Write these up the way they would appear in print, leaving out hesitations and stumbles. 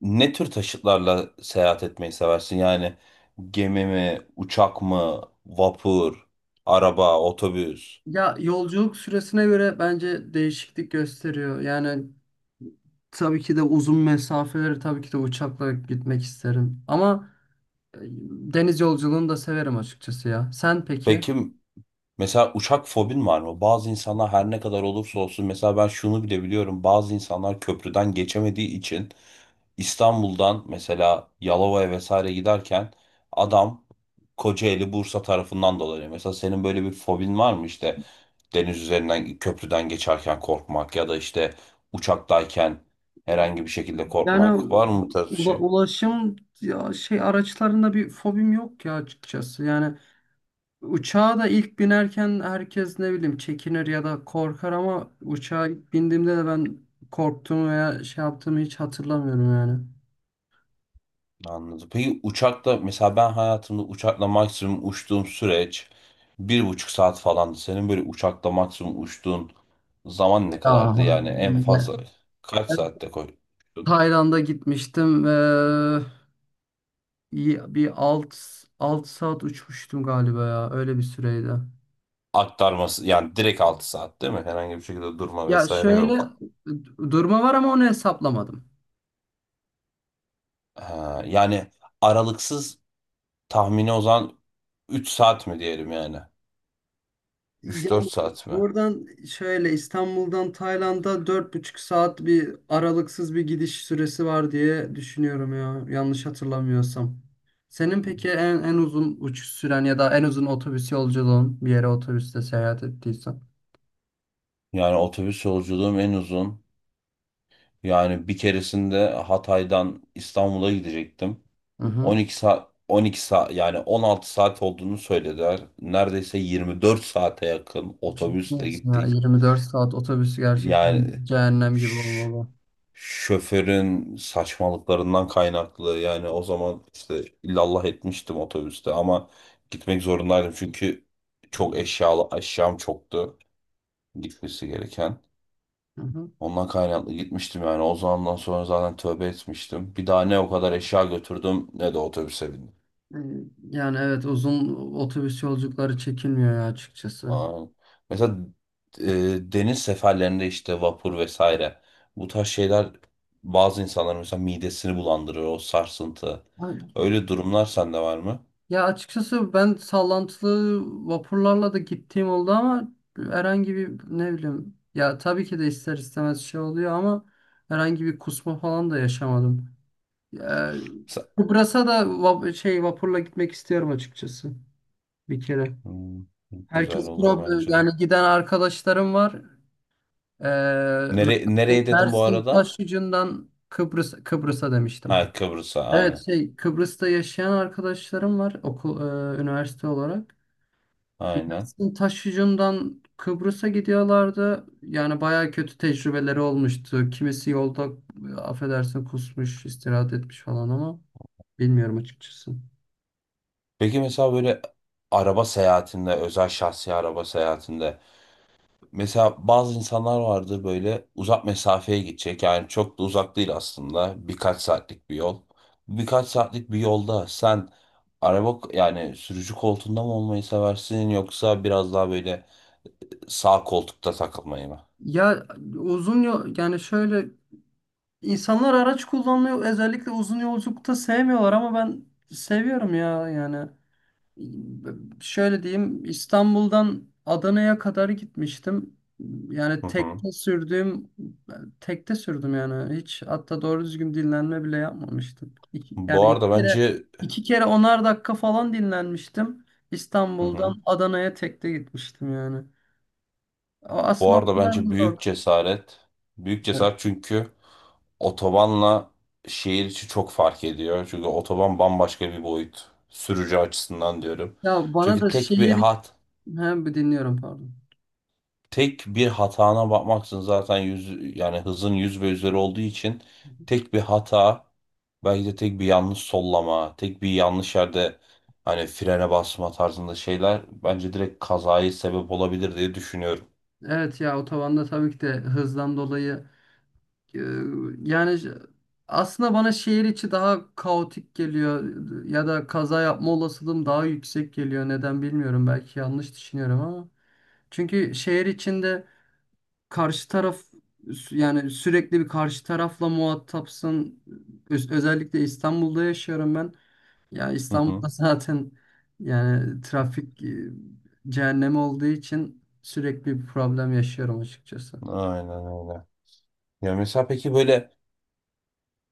Ne tür taşıtlarla seyahat etmeyi seversin? Yani gemi mi, uçak mı, vapur, araba, otobüs? Ya yolculuk süresine göre bence değişiklik gösteriyor. Yani tabii ki de uzun mesafeleri tabii ki de uçakla gitmek isterim. Ama e, deniz yolculuğunu da severim açıkçası ya. Sen peki? Peki, mesela uçak fobin var mı? Bazı insanlar her ne kadar olursa olsun, mesela ben şunu bile biliyorum. Bazı insanlar köprüden geçemediği için İstanbul'dan mesela Yalova'ya vesaire giderken adam Kocaeli Bursa tarafından dolanıyor. Mesela senin böyle bir fobin var mı, işte deniz üzerinden köprüden geçerken korkmak ya da işte uçaktayken herhangi bir şekilde Yani korkmak var mı, bu tarz bir şey? ulaşım ya şey araçlarında bir fobim yok ya açıkçası. Yani uçağa da ilk binerken herkes ne bileyim çekinir ya da korkar ama uçağa ilk bindiğimde de ben korktuğumu veya şey yaptığımı hiç hatırlamıyorum yani. Anladım. Peki uçakla, mesela ben hayatımda uçakla maksimum uçtuğum süreç 1,5 saat falandı. Senin böyle uçakla maksimum uçtuğun zaman ne Ya, kadardı? Yani en ya- fazla kaç ben saatte koy Tayland'a gitmiştim ve bir alt saat uçmuştum galiba ya, öyle bir süreydi. aktarması, yani direkt 6 saat değil mi? Herhangi bir şekilde durma Ya vesaire şöyle, yok. durma var ama onu hesaplamadım. Ha, yani aralıksız tahmini o zaman 3 saat mi diyelim yani? Üç Yani dört saat mi? buradan şöyle, İstanbul'dan Tayland'a 4,5 saat bir aralıksız bir gidiş süresi var diye düşünüyorum ya, yanlış hatırlamıyorsam. Senin peki en uzun uçuş süren ya da en uzun otobüs yolculuğun, bir yere otobüste seyahat ettiysen? Yani otobüs yolculuğum en uzun. Yani bir keresinde Hatay'dan İstanbul'a gidecektim. Hı hı. 12 saat, 12 saat, yani 16 saat olduğunu söylediler. Neredeyse 24 saate yakın Ciddi otobüsle misin ya? gittik. 24 saat otobüs gerçekten Yani cehennem gibi ş- olmalı. şoförün saçmalıklarından kaynaklı yani, o zaman işte illallah etmiştim otobüste, ama gitmek zorundaydım çünkü çok eşyam çoktu, gitmesi gereken. Hı hı. Ondan kaynaklı gitmiştim, yani o zamandan sonra zaten tövbe etmiştim. Bir daha ne o kadar eşya götürdüm ne de otobüse bindim. Ee, Yani evet, uzun otobüs yolculukları çekilmiyor ya açıkçası. Aa, mesela e, deniz seferlerinde işte vapur vesaire, bu tarz şeyler bazı insanların mesela midesini bulandırır, o sarsıntı. Ay, Öyle durumlar sende var mı? ya açıkçası ben sallantılı vapurlarla da gittiğim oldu ama herhangi bir ne bileyim ya, tabii ki de ister istemez şey oluyor ama herhangi bir kusma falan da yaşamadım. Ya, Sen- Kıbrıs'a da vapurla gitmek istiyorum açıkçası, bir kere. Hmm, güzel Herkes olur pro, bence de. yani giden arkadaşlarım var. Mersin, Nereye dedim bu Mersin arada? Taşyucu'ndan Kıbrıs'a demiştim. Ha, Kıbrıs'a, Evet, aynen. Kıbrıs'ta yaşayan arkadaşlarım var, üniversite olarak. Aynen. Mersin Taşyucu'ndan Kıbrıs'a gidiyorlardı. Yani baya kötü tecrübeleri olmuştu. Kimisi yolda, affedersin, kusmuş, istirahat etmiş falan ama bilmiyorum açıkçası. Peki mesela böyle araba seyahatinde, özel şahsi araba seyahatinde, mesela bazı insanlar vardı, böyle uzak mesafeye gidecek, yani çok da uzak değil aslında, birkaç saatlik bir yol. Birkaç saatlik bir yolda sen araba, yani sürücü koltuğunda mı olmayı seversin, yoksa biraz daha böyle sağ koltukta takılmayı mı? Ya uzun yol, yani şöyle, insanlar araç kullanmayı özellikle uzun yolculukta sevmiyorlar ama ben seviyorum ya yani. Şöyle diyeyim, İstanbul'dan Adana'ya kadar gitmiştim. Yani Hı hı. Tekte sürdüm yani. Hiç hatta doğru düzgün dinlenme bile yapmamıştım. Yani Bu iki arada kere, bence iki kere 10'ar dakika falan dinlenmiştim. hı hı. İstanbul'dan Adana'ya tekte gitmiştim yani. O Bu aslında o arada kadar bence mı zor? büyük cesaret. Büyük cesaret, çünkü otobanla şehir içi çok fark ediyor. Çünkü otoban bambaşka bir boyut, sürücü açısından diyorum. Ya bana Çünkü da şehir... Hem dinliyorum, pardon. tek bir hatana bakmaksın zaten, yüz yani hızın yüz ve üzeri olduğu için tek bir hata, belki de tek bir yanlış sollama, tek bir yanlış yerde, hani frene basma tarzında şeyler, bence direkt kazaya sebep olabilir diye düşünüyorum. Evet ya, otobanda tabii ki de hızdan dolayı. Ee, Yani aslında bana şehir içi daha kaotik geliyor ya da kaza yapma olasılığım daha yüksek geliyor. Neden bilmiyorum. Belki yanlış düşünüyorum ama. Çünkü şehir içinde karşı taraf, yani sürekli bir karşı tarafla muhatapsın. Özellikle İstanbul'da yaşıyorum ben. Ya Hı İstanbul'da hı. zaten yani trafik cehennemi olduğu için sürekli bir problem yaşıyorum açıkçası. Aynen öyle. Ya mesela peki böyle,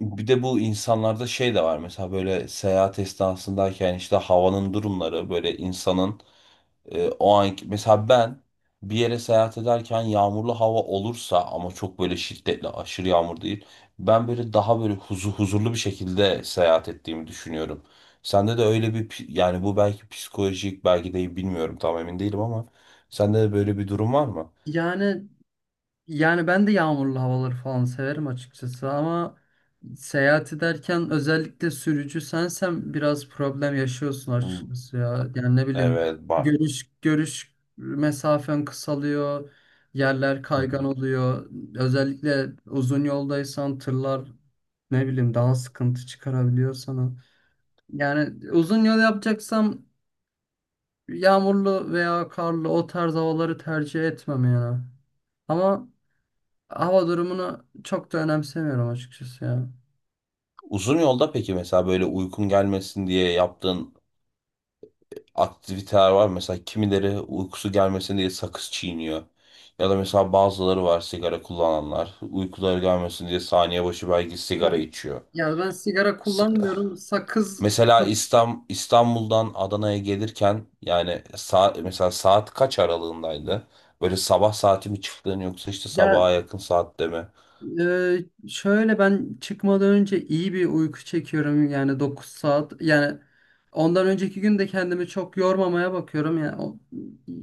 bir de bu insanlarda şey de var mesela, böyle seyahat esnasındayken işte havanın durumları böyle insanın, o an mesela ben bir yere seyahat ederken yağmurlu hava olursa, ama çok böyle şiddetli aşırı yağmur değil. Ben böyle daha böyle huzurlu bir şekilde seyahat ettiğimi düşünüyorum. Sende de öyle bir yani bu belki psikolojik, belki de bilmiyorum, tam emin değilim, ama sende de böyle bir durum var mı? Yani Yani ben de yağmurlu havaları falan severim açıkçası ama seyahat ederken, özellikle sürücü sensen, biraz problem yaşıyorsun Hı, açıkçası ya. Yani ne bileyim, evet var. görüş mesafen kısalıyor, yerler Hı kaygan hı. oluyor. Özellikle uzun yoldaysan tırlar ne bileyim daha sıkıntı çıkarabiliyor sana. Yani uzun yol yapacaksam yağmurlu veya karlı o tarz havaları tercih etmem yani. Ama hava durumunu çok da önemsemiyorum açıkçası ya. Uzun yolda peki mesela böyle uykun gelmesin diye yaptığın aktiviteler var. Mesela kimileri uykusu gelmesin diye sakız çiğniyor. Ya da mesela bazıları var, sigara kullananlar. Uykuları gelmesin diye saniye başı belki sigara Ben, içiyor. ben sigara S- kullanmıyorum. Sakız. Mesela İstanbul'dan Adana'ya gelirken, yani saat, mesela saat kaç aralığındaydı? Böyle sabah saati mi çıktın, yoksa işte ya sabaha yakın saatte mi? Şöyle, ben çıkmadan önce iyi bir uyku çekiyorum yani, 9 saat. Yani ondan önceki gün de kendimi çok yormamaya bakıyorum. Yani o,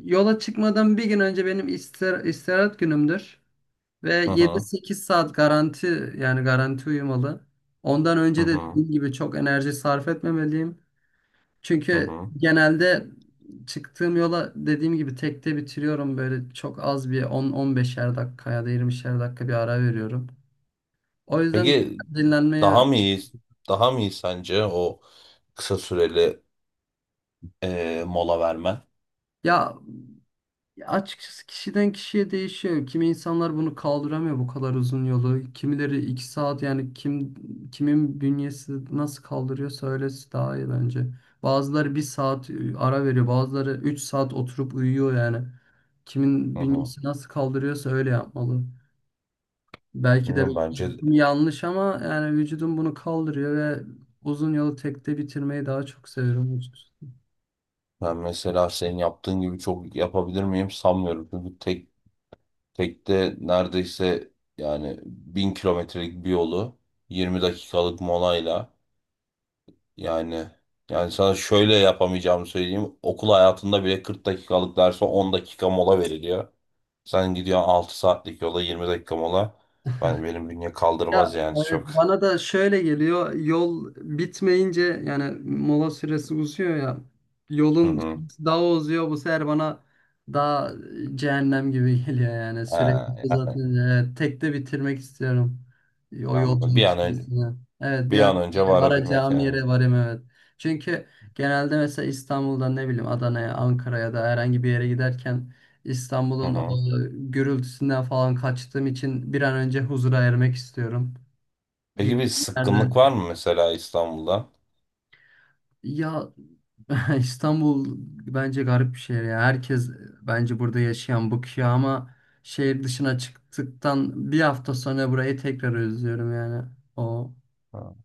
yola çıkmadan bir gün önce benim istirahat günümdür. Ve Hı yedi hı, sekiz saat garanti, yani garanti uyumalı. Ondan hı önce de hı dediğim gibi çok enerji sarf etmemeliyim. hı. Çünkü Hı. genelde çıktığım yola dediğim gibi tekte bitiriyorum, böyle çok az bir 10-15'er dakika ya da 20'şer dakika bir ara veriyorum. O yüzden Peki dinlenmeye. daha mı iyi, daha mı iyi sence o kısa süreli mola vermen? Ya açıkçası kişiden kişiye değişiyor. Kimi insanlar bunu kaldıramıyor, bu kadar uzun yolu. Kimileri 2 saat, yani kimin bünyesi nasıl kaldırıyorsa öylesi daha iyi bence. Bazıları 1 saat ara veriyor. Bazıları 3 saat oturup uyuyor yani. Kimin Hı hı. bünyesi nasıl kaldırıyorsa öyle yapmalı. Belki de Bilmiyorum, bence beklentim yanlış ama yani vücudum bunu kaldırıyor ve uzun yolu tekte bitirmeyi daha çok seviyorum, açıkçası. ben mesela senin yaptığın gibi çok yapabilir miyim, sanmıyorum. Çünkü tekte neredeyse yani 1.000 kilometrelik bir yolu 20 dakikalık molayla, yani yani sana şöyle yapamayacağımı söyleyeyim. Okul hayatında bile 40 dakikalık derse 10 dakika mola veriliyor. Sen gidiyorsun 6 saatlik yola 20 dakika mola. Ben, benim bünye Ya kaldırmaz yani, evet, çok. bana da şöyle geliyor, yol bitmeyince yani mola süresi uzuyor ya, Hı yolun hı. süresi daha uzuyor bu sefer bana, daha cehennem gibi geliyor yani. Sürekli Ha, yani zaten tek de bitirmek istiyorum o anladım. Bir yolculuk an önce, süresini. Evet, bir an varabilmek varacağım yani. yere varayım, evet. Çünkü genelde mesela İstanbul'dan ne bileyim Adana'ya, Ankara'ya da herhangi bir yere giderken, Hı İstanbul'un o hı. gürültüsünden falan kaçtığım için bir an önce huzura ermek istiyorum. Peki bir Gittiğim sıkkınlık yerde. var mı mesela İstanbul'da? Ya İstanbul bence garip bir şehir ya. Herkes, bence burada yaşayan bıkıyor ama şehir dışına çıktıktan bir hafta sonra burayı tekrar özlüyorum yani. O Ha.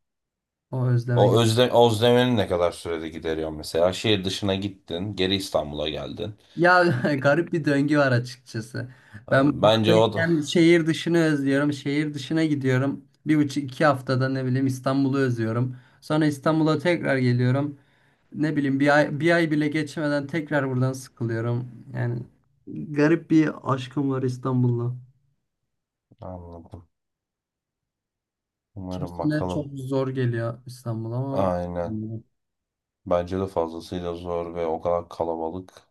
o özleme... O özlemeni ne kadar sürede gideriyor mesela? Şehir dışına gittin, geri İstanbul'a geldin. Ya garip bir döngü var açıkçası. Ee, Ben Bence o da buradayken şehir dışını özlüyorum. Şehir dışına gidiyorum. Bir buçuk iki haftada ne bileyim İstanbul'u özlüyorum. Sonra İstanbul'a tekrar geliyorum. Ne bileyim bir ay, bir ay bile geçmeden tekrar buradan sıkılıyorum. Yani garip bir aşkım var İstanbul'la. anladım. Umarım, Kimsine çok bakalım. zor geliyor İstanbul ama Aynen. bilmiyorum. Bence de fazlasıyla zor, ve o kadar kalabalık,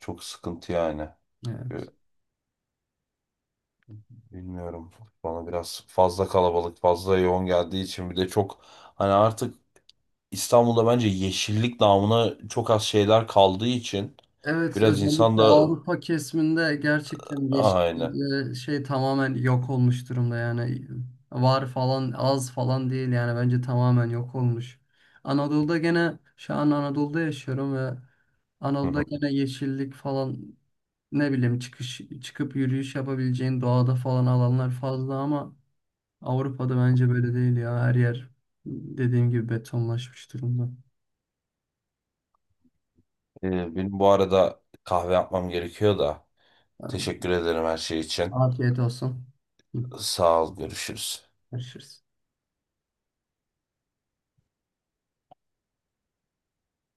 çok sıkıntı yani. Ee, Evet. Bilmiyorum. Bana biraz fazla kalabalık, fazla yoğun geldiği için, bir de çok hani artık İstanbul'da bence yeşillik namına çok az şeyler kaldığı için Evet, biraz insan özellikle da Avrupa kesiminde gerçekten aynı. yeşillik tamamen yok olmuş durumda yani. Var falan, az falan değil yani, bence tamamen yok olmuş. Anadolu'da gene, şu an Anadolu'da yaşıyorum ve Hı Anadolu'da hı. gene yeşillik falan, ne bileyim çıkıp yürüyüş yapabileceğin doğada falan alanlar fazla ama Avrupa'da bence böyle değil ya, her yer dediğim gibi betonlaşmış durumda. Benim bu arada kahve yapmam gerekiyor da. Yani Teşekkür ederim her şey için. afiyet olsun. Hı. Sağ ol, görüşürüz. Görüşürüz.